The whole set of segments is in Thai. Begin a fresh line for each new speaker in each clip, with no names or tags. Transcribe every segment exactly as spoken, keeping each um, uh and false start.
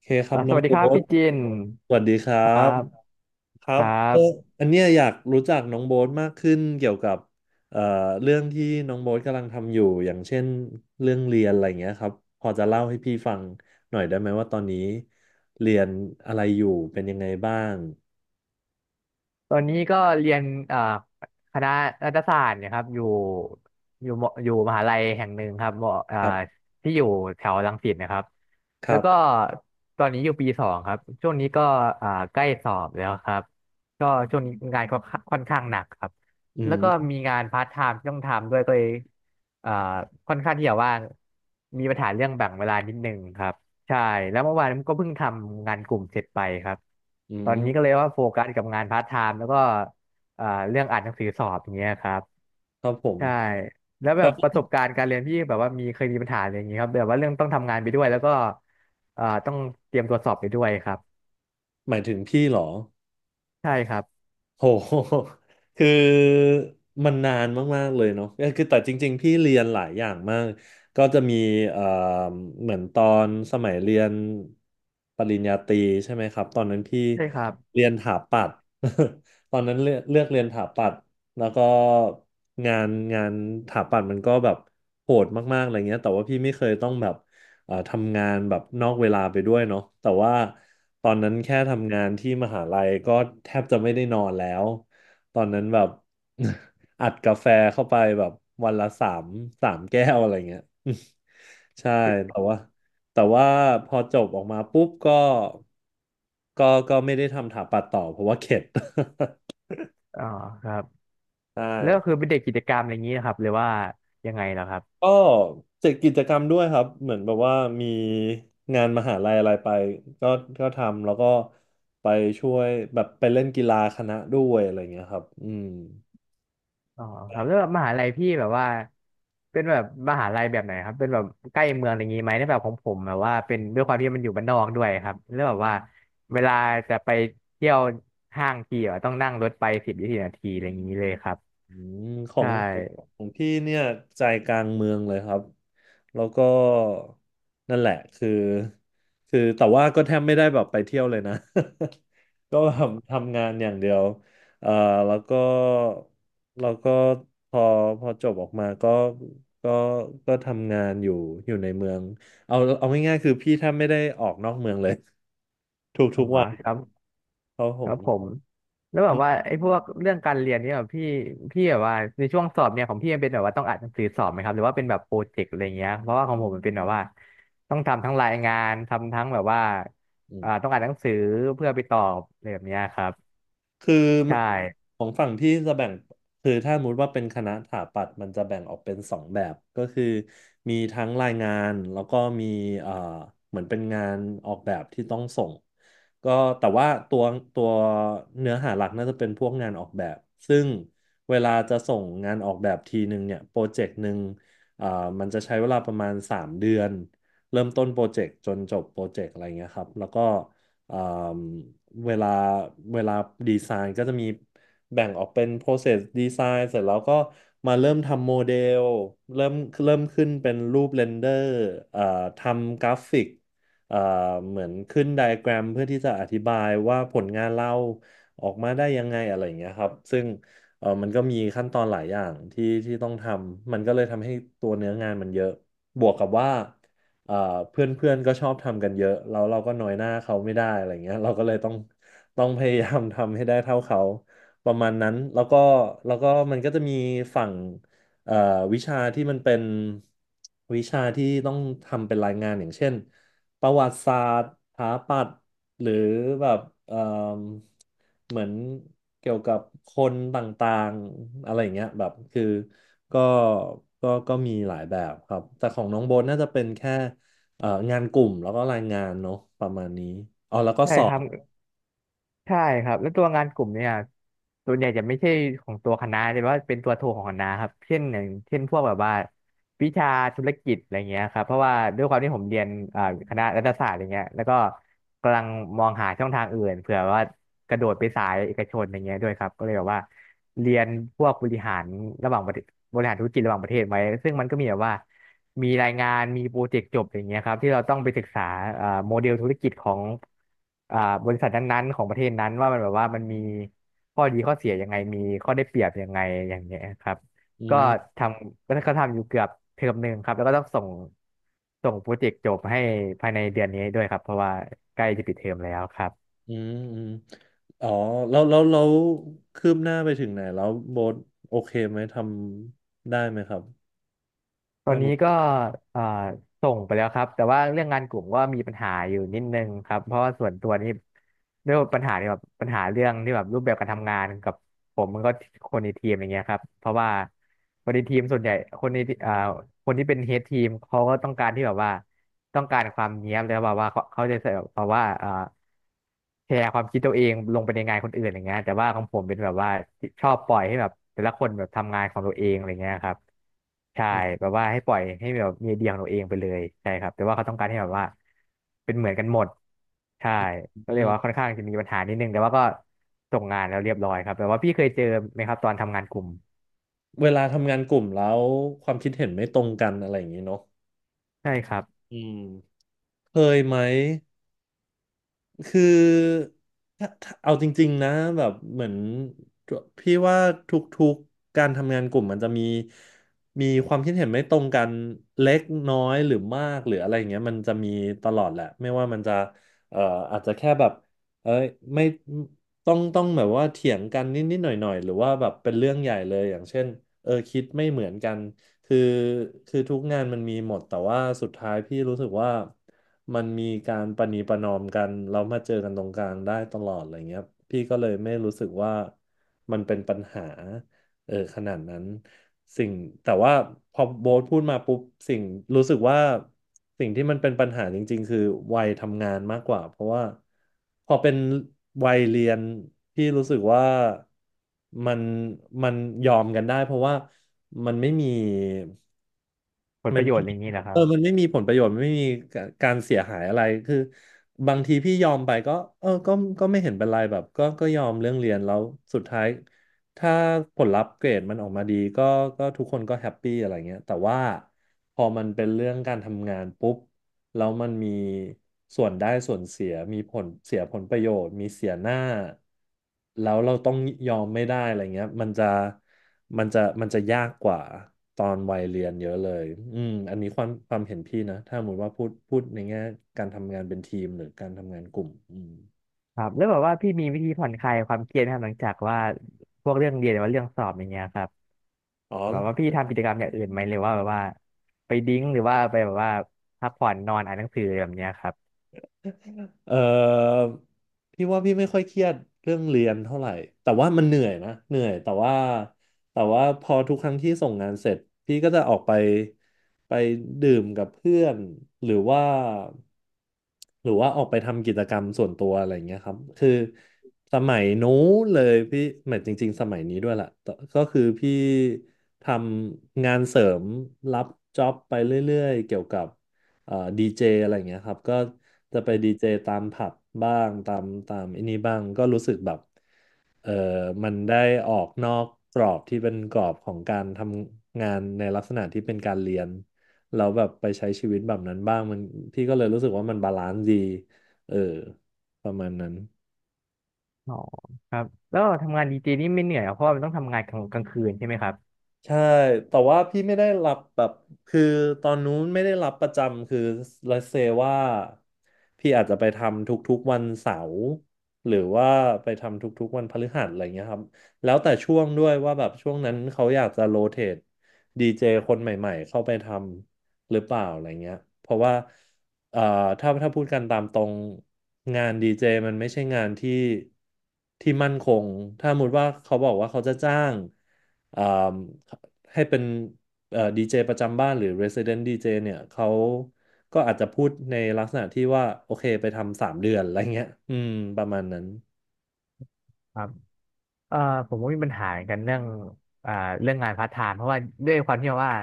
เคครั
อ่า
บ
ส
น้อง
วัสดีครั
โบ๊
บ
ท
พี่จิน
สวัสดีครั
ครั
บ
บ
ครั
ค
บ
รั
เออ
บ
อันเนี้ยอยากรู้จักน้องโบ๊ทมากขึ้นเกี่ยวกับเอ่อเรื่องที่น้องโบ๊ทกำลังทำอยู่อย่างเช่นเรื่องเรียนอะไรเงี้ยครับพอจะเล่าให้พี่ฟังหน่อยได้ไหมว่าตอนนี้เรียนอะไรอยู่เป็นยังไงบ้าง
ตอนนี้ก็เรียนอ่าคณะรัฐศาสตร์เนยครับอยู่อยู่มอยู่มหาลัยแห่งหนึ่งครับมอ่า
ครับ
ที่อยู่แถวรังสิตนะครับ
ค
แล้
รั
ว
บ
ก็ตอนนี้อยู่ปีสองครับช่วงนี้ก็อ่าใกล้สอบแล้วครับก็ช่วงนี้งานก็ค่อนข้างหนักครับ
อื
แล้วก็
ม
มีงานพาร์ทไทม์ที่ต้องทำด้วยก็เลยอ่าค่อนข้างที่จะว่างมีปัญหาเรื่องแบ่งเวลานิดนึงครับ ใช่แล้วเมื่อวานก็เพิ่งทำงานกลุ่มเสร็จไปครับ
อื
ตอนนี้ก็
ม
เลยว่าโฟกัสกับงานพาร์ทไทม์แล้วก็เอ่อเรื่องอ่านหนังสือสอบอย่างเงี้ยครับ
ครับผม
ใช่แล้วแบบประสบการณ์การเรียนพี่แบบว่ามีเคยมีปัญหาอะไรอย่างงี้ครับแบบว่าเรื่องต้องทำงานไปด้วยแล้วก็เอ่อต้องเตรียมตัวสอบไปด้วยครับ
หมายถึงพี่เหรอ
ใช่ครับ
โห คือมันนานมากๆเลยเนาะคือแต่จริงๆพี่เรียนหลายอย่างมากก็จะมีเอ่อเหมือนตอนสมัยเรียนปริญญาตรีใช่ไหมครับ ตอนนั้นพี่
ใช่ครับ
เรียนถาปัตย์ ตอนนั้นเลือกเลือกเรียนถาปัตย์แล้วก็งานงานถาปัตย์มันก็แบบโหดมากๆอะไรเงี้ยแต่ว่าพี่ไม่เคยต้องแบบ เอ่อทำงานแบบนอกเวลาไปด้วยเนาะแต่ว่าตอนนั้นแค่ทำงานที่มหาลัยก็แทบจะไม่ได้นอนแล้วตอนนั้นแบบ อัดกาแฟเข้าไปแบบวันละสามสามแก้วอะไรเงี้ย ใช่แต่ว่าแต่ว่าพอจบออกมาปุ๊บก็ก็ก็ไม่ได้ทำถาปัดต่อเพราะว่าเข็ด
อ๋อครับ
ใช่
แล้วก็คือเป็นเด็กกิจกรรมอะไรอย่างงี้นะครับหรือว่ายังไงเหรอครับ
ก็เจ็ดกิจกรรมด้วยครับเหมือนแบบว่ามีงานมหาลัยอะไรไปก็ก็ทำแล้วก็ไปช่วยแบบไปเล่นกีฬาคณะด้วยอะไรเงี้ยครับอืม
อ๋อครับแล้วแบบมหาลัยพี่แบบว่าเป็นแบบมหาลัยแบบไหนครับเป็นแบบใกล้เมืองอะไรอย่างงี้ไหมในแบบของผมแบบว่าเป็นด้วยความที่มันอยู่บ้านนอกด้วยครับแล้วแบบว่าเวลาจะไปเที่ยวห้างทีอะต้องนั่งรถไปสิบถึงยี่สิบนาทีอะไรอย่างนี้เลยครับ
อืมขอ
ใช
ง
่
ของพี่เนี่ยใจกลางเมืองเลยครับแล้วก็นั่นแหละคือคือแต่ว่าก็แทบไม่ได้แบบไปเที่ยวเลยนะ ก็แบบทำงานอย่างเดียวเอ่อแล้วก็แล้วก็พอพอจบออกมาก็ก็ก็ทำงานอยู่อยู่ในเมืองเอาเอาง่ายๆคือพี่แทบไม่ได้ออกนอกเมืองเลย ท
อ๋
ุ
อ
กๆวัน
ครับ
เพราะผ
ค
ม
รับผมแล้วแบบว่า
อ
ไอ้พวกเรื่องการเรียนเนี่ยแบบพี่พี่แบบว่าในช่วงสอบเนี่ยของพี่มันเป็นแบบว่าต้องอ่านหนังสือสอบไหมครับหรือว่าเป็นแบบโปรเจกต์อะไรเงี้ยเพราะว่าของผมมันเป็นแบบว่าต้องทำทั้งรายงานทำทั้งแบบว่า
ื
อ่า
ม
ต้องอ่านหนังสือเพื่อไปตอบอะไรแบบเนี้ยครับ
คือ
ใช่
ของฝั่งพี่จะแบ่งคือถ้าสมมติว่าเป็นคณะสถาปัตย์มันจะแบ่งออกเป็นสองแบบก็คือมีทั้งรายงานแล้วก็มีเอ่อเหมือนเป็นงานออกแบบที่ต้องส่งก็แต่ว่าตัวตัวเนื้อหาหลักน่าจะเป็นพวกงานออกแบบซึ่งเวลาจะส่งงานออกแบบทีหนึ่งเนี่ยโปรเจกต์หนึ่งเอ่อมันจะใช้เวลาประมาณสามเดือนเริ่มต้นโปรเจกต์จนจบโปรเจกต์อะไรเงี้ยครับแล้วก็ เอ่อเวลาเวลาดีไซน์ก็จะมีแบ่งออกเป็น process design เสร็จแล้วก็มาเริ่มทำโมเดลเริ่มเริ่มขึ้นเป็นรูปเรนเดอร์เอ่อทำกราฟิกเอ่อเหมือนขึ้นไดอะแกรมเพื่อที่จะอธิบายว่าผลงานเราออกมาได้ยังไงอะไรอย่างเงี้ยครับซึ่งเออมันก็มีขั้นตอนหลายอย่างที่ที่ต้องทำมันก็เลยทำให้ตัวเนื้องานมันเยอะบวกกับว่า เอ่อเพื่อนเพื่อนก็ชอบทำกันเยอะแล้วเราก็น้อยหน้าเขาไม่ได้อะไรเงี้ยเราก็เลยต้องต้องพยายาม ทำให้ได้เท่าเขาประมาณนั้นแล้วก็แล้วก็มันก็จะมีฝั่งเอ่อวิชาที่มันเป็นวิชาที่ต้องทำเป็นรายงานอย่างเช่นประวัติศาสตร์สถาปัตย์หรือแบบเอ่มเหมือนเกี่ยวกับคนต่างๆอะไรอย่างเงี้ยแบบคือก็ก็ก็มีหลายแบบครับแต่ของน้องโบนน่าจะเป็นแค่ เอ่องานกลุ่มแล้วก็รายงานเนาะประมาณนี้อ๋อแล้วก็
ใช่
สอ
ครั
บ
บ ใช่ครับแล้วตัวงานกลุ่มเนี่ยส่วนใหญ่จะไม่ใช่ของตัวคณะแต่ว่าเป็นตัวโทรของคณะครับเช่นอย่างเช่นพวกแบบว่าวิชาธุรกิจอะไรเงี้ยครับเพราะว่าด้วยความที่ผมเรียนอ่าคณะรัฐศาสตร์อะไรเงี้ยแล้วก็กำลังมองหาช่องทางอื่นเผื่อว่ากระโดดไปสายเอกชนอะไรเงี้ยด้วยครับก็เลยแบบว่าเรียนพวกบริหารระหว่างประเทศบริหารธุรกิจระหว่างประเทศไว้ซึ่งมันก็มีแบบว่า มีรายงานมีโปรเจกต์จบอย่างเงี้ยครับที่เราต้องไปศึกษาเอ่อโมเดลธุรกิจของอ่าบริษัทนั้นๆของประเทศนั้นว่ามันแบบว่ามันมีข้อดีข้อเสียยังไงมีข้อได้เปรียบยังไงอย่างเงี้ยครับ
อื
ก็
ม
ทำก็ก็ทำอยู่เกือบเทอมหนึ่งครับแล้วก็ต้องส่งส่งโปรเจกต์จบให้ภายในเดือนนี้ด้วยครับเพราะว่าใกล้จะปิดเทอมแล้วครับ
อืมอืมอ๋อแล้วแล้วแล้วคืบหน้าไปถึงไหนแล้วโบทโอเคไหมทำได้ไหมครับ
ตอ
ถ้า
น
หม
นี้
ด
ก็เอ่อส่งไปแล้วครับแต่ว่าเรื่องงานกลุ่มก็มีปัญหาอยู่นิดนึงครับเพราะว่าส่วนตัวนี่ด้วยปัญหาที่แบบปัญหาเรื่องที่แบบรูปแบบการทำงานกับผมมันก็คนในทีมอย่างเงี้ยครับเพราะว่าคนในทีมส่วนใหญ่คนในเอ่อคนที่เป็นเฮดทีมเขาก็ต้องการที่แบบว่าต้องการความเนี๊ยบแล้วแบบว่าเขาเขาจะใส่แบบว่าเอ่อ แชร์ความคิดตัวเองลงไปในงานคนอื่นอย่างเงี้ยแต่ว่าของผมเป็นแบบว่าชอบปล่อยให้แบบแต่ละคนแบบทำงานของตัวเองอะไรเงี้ยครับใช่
อืม
แบบว่าให้ปล่อยให้แบบมีไอเดียของตัวเองไปเลยใช่ครับแต่ว่าเขาต้องการให้แบบว่าเป็นเหมือนกันหมดใช่
อืม
ก็
อื
เลยว่า
ม
ค่อนข้างจะมีปัญหานิดนึงแต่ว่าก็ส่งงานแล้วเรียบร้อยครับแต่ว่าพี่เคยเจอไหมครับตอนทำงานกลุ่ม
เวลาทำงานกลุ่มแล้วความคิดเห็นไม่ตรงกันอะไรอย่างนี้เนาะ
ใช่ครับ
อืมเคยไหม คือถ้าถ้าเอาจริงๆนะแบบเหมือนพี่ว่าทุกๆการทำงานกลุ่มมันจะมีมีความคิดเห็นไม่ตรงกันเล็กน้อยหรือมากหรืออะไรอย่างเงี้ยมันจะมีตลอดแหละไม่ว่ามันจะเอ่ออาจจะแค่แบบเอ้ยไม่ต้องต้องแบบว่าเถียงกันนิดๆหน่อยๆหรือว่าแบบเป็นเรื่องใหญ่เลยอย่างเช่นเออคิดไม่เหมือนกัน คือคือทุกงานมันมีหมดแต่ว่าสุดท้ายพี่รู้สึกว่ามันมีการประนีประนอมกันแล้วมาเจอกันตรงกลางได้ตลอดอะไรเงี้ยพี่ก็เลยไม่รู้สึกว่ามันเป็นปัญหาเออขนาดนั้น สิ่งแต่ว่าพอโบ๊ทพูดมาปุ๊บสิ่งรู้สึกว่าสิ่งที่มันเป็นปัญหาจริงๆคือวัยทำงานมากกว่าเพราะว่าพอเป็นวัยเรียนพี่รู้สึกว่ามันมันยอมกันได้เพราะว่ามันไม่มี
ผลประโยชน์อะไรอย่างนี้เหรอค
เอ
รั
อ
บ
มันไม่มีผลประโยชน์ไม่มีการเสียหายอะไร คือบางทีพี่ยอมไปก็เออก็ก็ไม่เห็นเป็นไรแบบก็ก็ยอมเรื่องเรียนแล้วสุดท้ายถ้าผลลัพธ์เกรดมันออกมาดีก็ก็ทุกคนก็แฮปปี้อะไรเงี้ยแต่ว่าพอมันเป็นเรื่องการทำงานปุ๊บ แล้วมันมีส่วนได้ส่วนเสียมีผลเสียผลประโยชน์มีเสียหน้าแล้วเราต้องยอมไม่ได้อะไรเงี้ยมันจะมันจะมันจะยากกว่าตอนวัยเรียนเยอะเลยอืมอันนี้ความความเห็นพี่นะถ้าสมมติว่าพูดพูดในแง่การทำงานเป็นทีมหรือการทำงานกลุ่มอืม
ครับแล้วแบบว่าพี่มีวิธีผ่อนคลายความเครียดนะครับหลังจากว่าพวกเรื่องเรียนหรือว่าเรื่องสอบอย่างเงี้ยครับ
อ๋อ
แบบว่าพี่ทำกิจกรรมอย่างอื่นไหมหรือว่าแบบว่าไปดิ้งหรือว่าไปแบบว่าพักผ่อนนอนอ่านหนังสืออะไรแบบเนี้ยครับ
เออพี่ว่าพี่ไม่ค่อยเครียดเรื่องเรียนเท่าไหร่แต่ว่ามันเหนื่อยนะเหนื่อยแต่ว่าแต่ว่าพอทุกครั้งที่ส่งงานเสร็จพี่ก็จะออกไปไปดื่มกับเพื่อนหรือว่าหรือว่าออกไปทำกิจกรรมส่วนตัวอะไรอย่างเงี้ยครับคือสมัยนู้นเลยพี่หมายจริงๆสมัยนี้ด้วยแหละแต่ก็คือพี่ทำงานเสริมรับจ็อบไปเรื่อยๆเกี่ยวกับ เอ่อดีเจอะไรอย่างเงี้ยครับก็จะไปดีเจตามผับบ้างตามตามไอันนี้บ้างก็รู้สึกแบบเออมันได้ออกนอกกรอบที่เป็นกรอบของการทำงานในลักษณะที่เป็นการเรียนเราแล้วแบบไปใช้ชีวิตแบบนั้นบ้างมันพี่ก็เลยรู้สึกว่ามันบาลานซ์ดีเออประมาณนั้น
อ๋อครับแล้วทำงานดีเจนี่ไม่เหนื่อยเหรอเพราะว่ามันต้องทำงานกลางกลางคืนใช่ไหมครั
ใช่ แต่ว่าพี่ไม่ได้รับแบบคือตอนนู้นไม่ได้รับประจำ คือ let's say ว่าพี่อาจจะไปทำทุกๆวันเสาร์หรือว่าไปทำทุกๆวันพฤหัสอะไรเงี้ยครับ แล้วแต่ช่วงด้วยว่าแบบช่วงนั้นเขาอยากจะโรเตทดีเจคนใหม่ๆเข้าไปทำ หรือเปล่าอะไรเงี้ย เพราะว่าเอ่อถ้าถ้าพูดกันตามตรงงานดีเจมันไม่ใช่งานที่ที่มั่นคงถ้าสมมติว่าเขาบอกว่าเขาจะจ้างเอ่มให้เป็นเอ่อดีเจประจำบ้านหรือ Resident ดี เจ เจเนี่ยเขาก็อาจจะพูดในลักษณะที่ว่า โอเคไปทำสามเดือน อะไรเงี้ยอืมประมาณนั้น
บ เออผมก็มีปัญหาเหมือนกันเรื่องอ่าเรื่องงานพาร์ทไทม์เพราะว่าด้วยความที่ว่า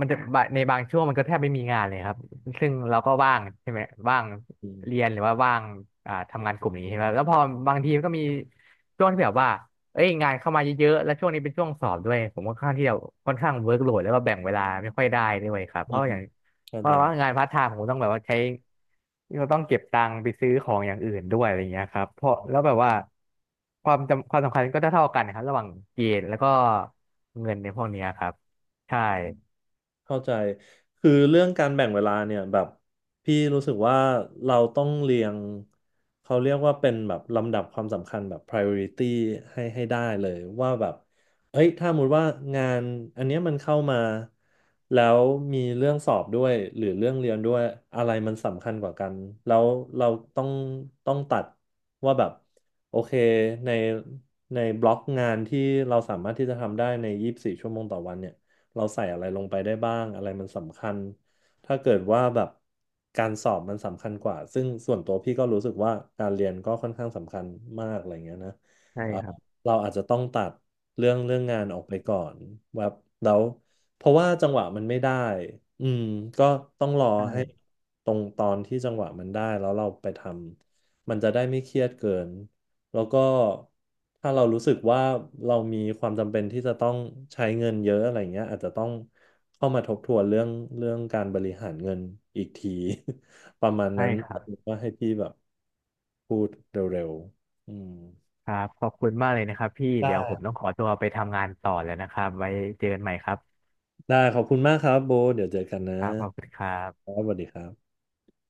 มันจะบะในบางช่วงมันก็แทบไม่มีงานเลยครับซึ่งเราก็ว่างใช่ไหมว่าง
อื
เรีย
ม
นหรือว่าว่างอ่าทำงานกลุ่มนี้ใช่ไหมแล้วพอบางทีมันก็มีช่วงที่แบบว่าเอ้ยงานเข้ามาเยอะๆแล้วช่วงนี้เป็นช่วงสอบด้วยผมค่อนข้างที่จะค่อนข้างเวิร์กโหลดแล้วก็แบ่งเวลาไม่ค่อยได้ด้วยครับเพ
อื
ราะ
ม
อย่าง
เข้า
เพราะ
ใจ
ว่างานพาร์ทไทม์ผมต้องแบบว่าใช้เราต้องเก็บตังค์ไปซื้อของอย่างอื่นด้วยอะไรเงี้ยครับเพราะแล้วแบบว่าความจำความสำคัญก็เท่าๆกันนะครับระหว่างเกรดแล้วก็เงินในพวกเนี้ยครับใช่
เข้าใจคือเรื่องการแบ่งเวลาเนี่ยแบบพี่รู้สึกว่าเราต้องเรียงเขาเรียกว่าเป็นแบบลำดับความสำคัญแบบ priority ให้ให้ได้เลยว่าแบบเอ้ยถ้าสมมติว่างานอันเนี้ยมันเข้ามาแล้วมีเรื่องสอบด้วยหรือเรื่องเรียนด้วยอะไรมันสำคัญกว่ากันแล้วเราต้องต้องตัดว่าแบบโอเคในในบล็อกงานที่เราสามารถที่จะทำได้ในยี่สิบสี่ชั่วโมงต่อวันเนี่ย เราใส่อะไรลงไปได้บ้างอะไรมันสำคัญ ถ้าเกิดว่าแบบการสอบมันสำคัญกว่า ซึ่งส่วนตัวพี่ก็รู้สึกว่าการเรียนก็ค่อนข้างสำคัญมากอะไรเงี้ยนะ
ใช่ครับ
เราอาจจะต้องตัดเรื่องเรื่องงานออกไปก่อนแบบแล้วเพราะว่าจังหวะมันไม่ได้อืมก็ต้องรอให้
ใช่
ตรงตอนที่จังหวะมันได้แล้วเราไปทำมันจะได้ไม่เครียดเกินแล้วก็ถ้าเรารู้สึกว่าเรามีความจำเป็นที่จะต้องใช้เงินเยอะอะไรเงี้ยอาจจะต้องเข้ามาทบทวนเรื่องเรื่องการบริหารเงินอีกที ประมาณ
ใช่
นั้น
ครับ
ว่าให้พี่แบบพูดเร็วๆอืม
ครับขอบคุณมากเลยนะครับพี่
ได้
เดี๋ยวผมต้องขอตัวไปทำงานต่อแล้วนะครับไว้เจอกันใหม่ครับ
ได้ขอบคุณมากครับโบเดี๋ยวเจอกันนะ
ครับขอบคุณครั
ค
บ
รับสวัสดีครับ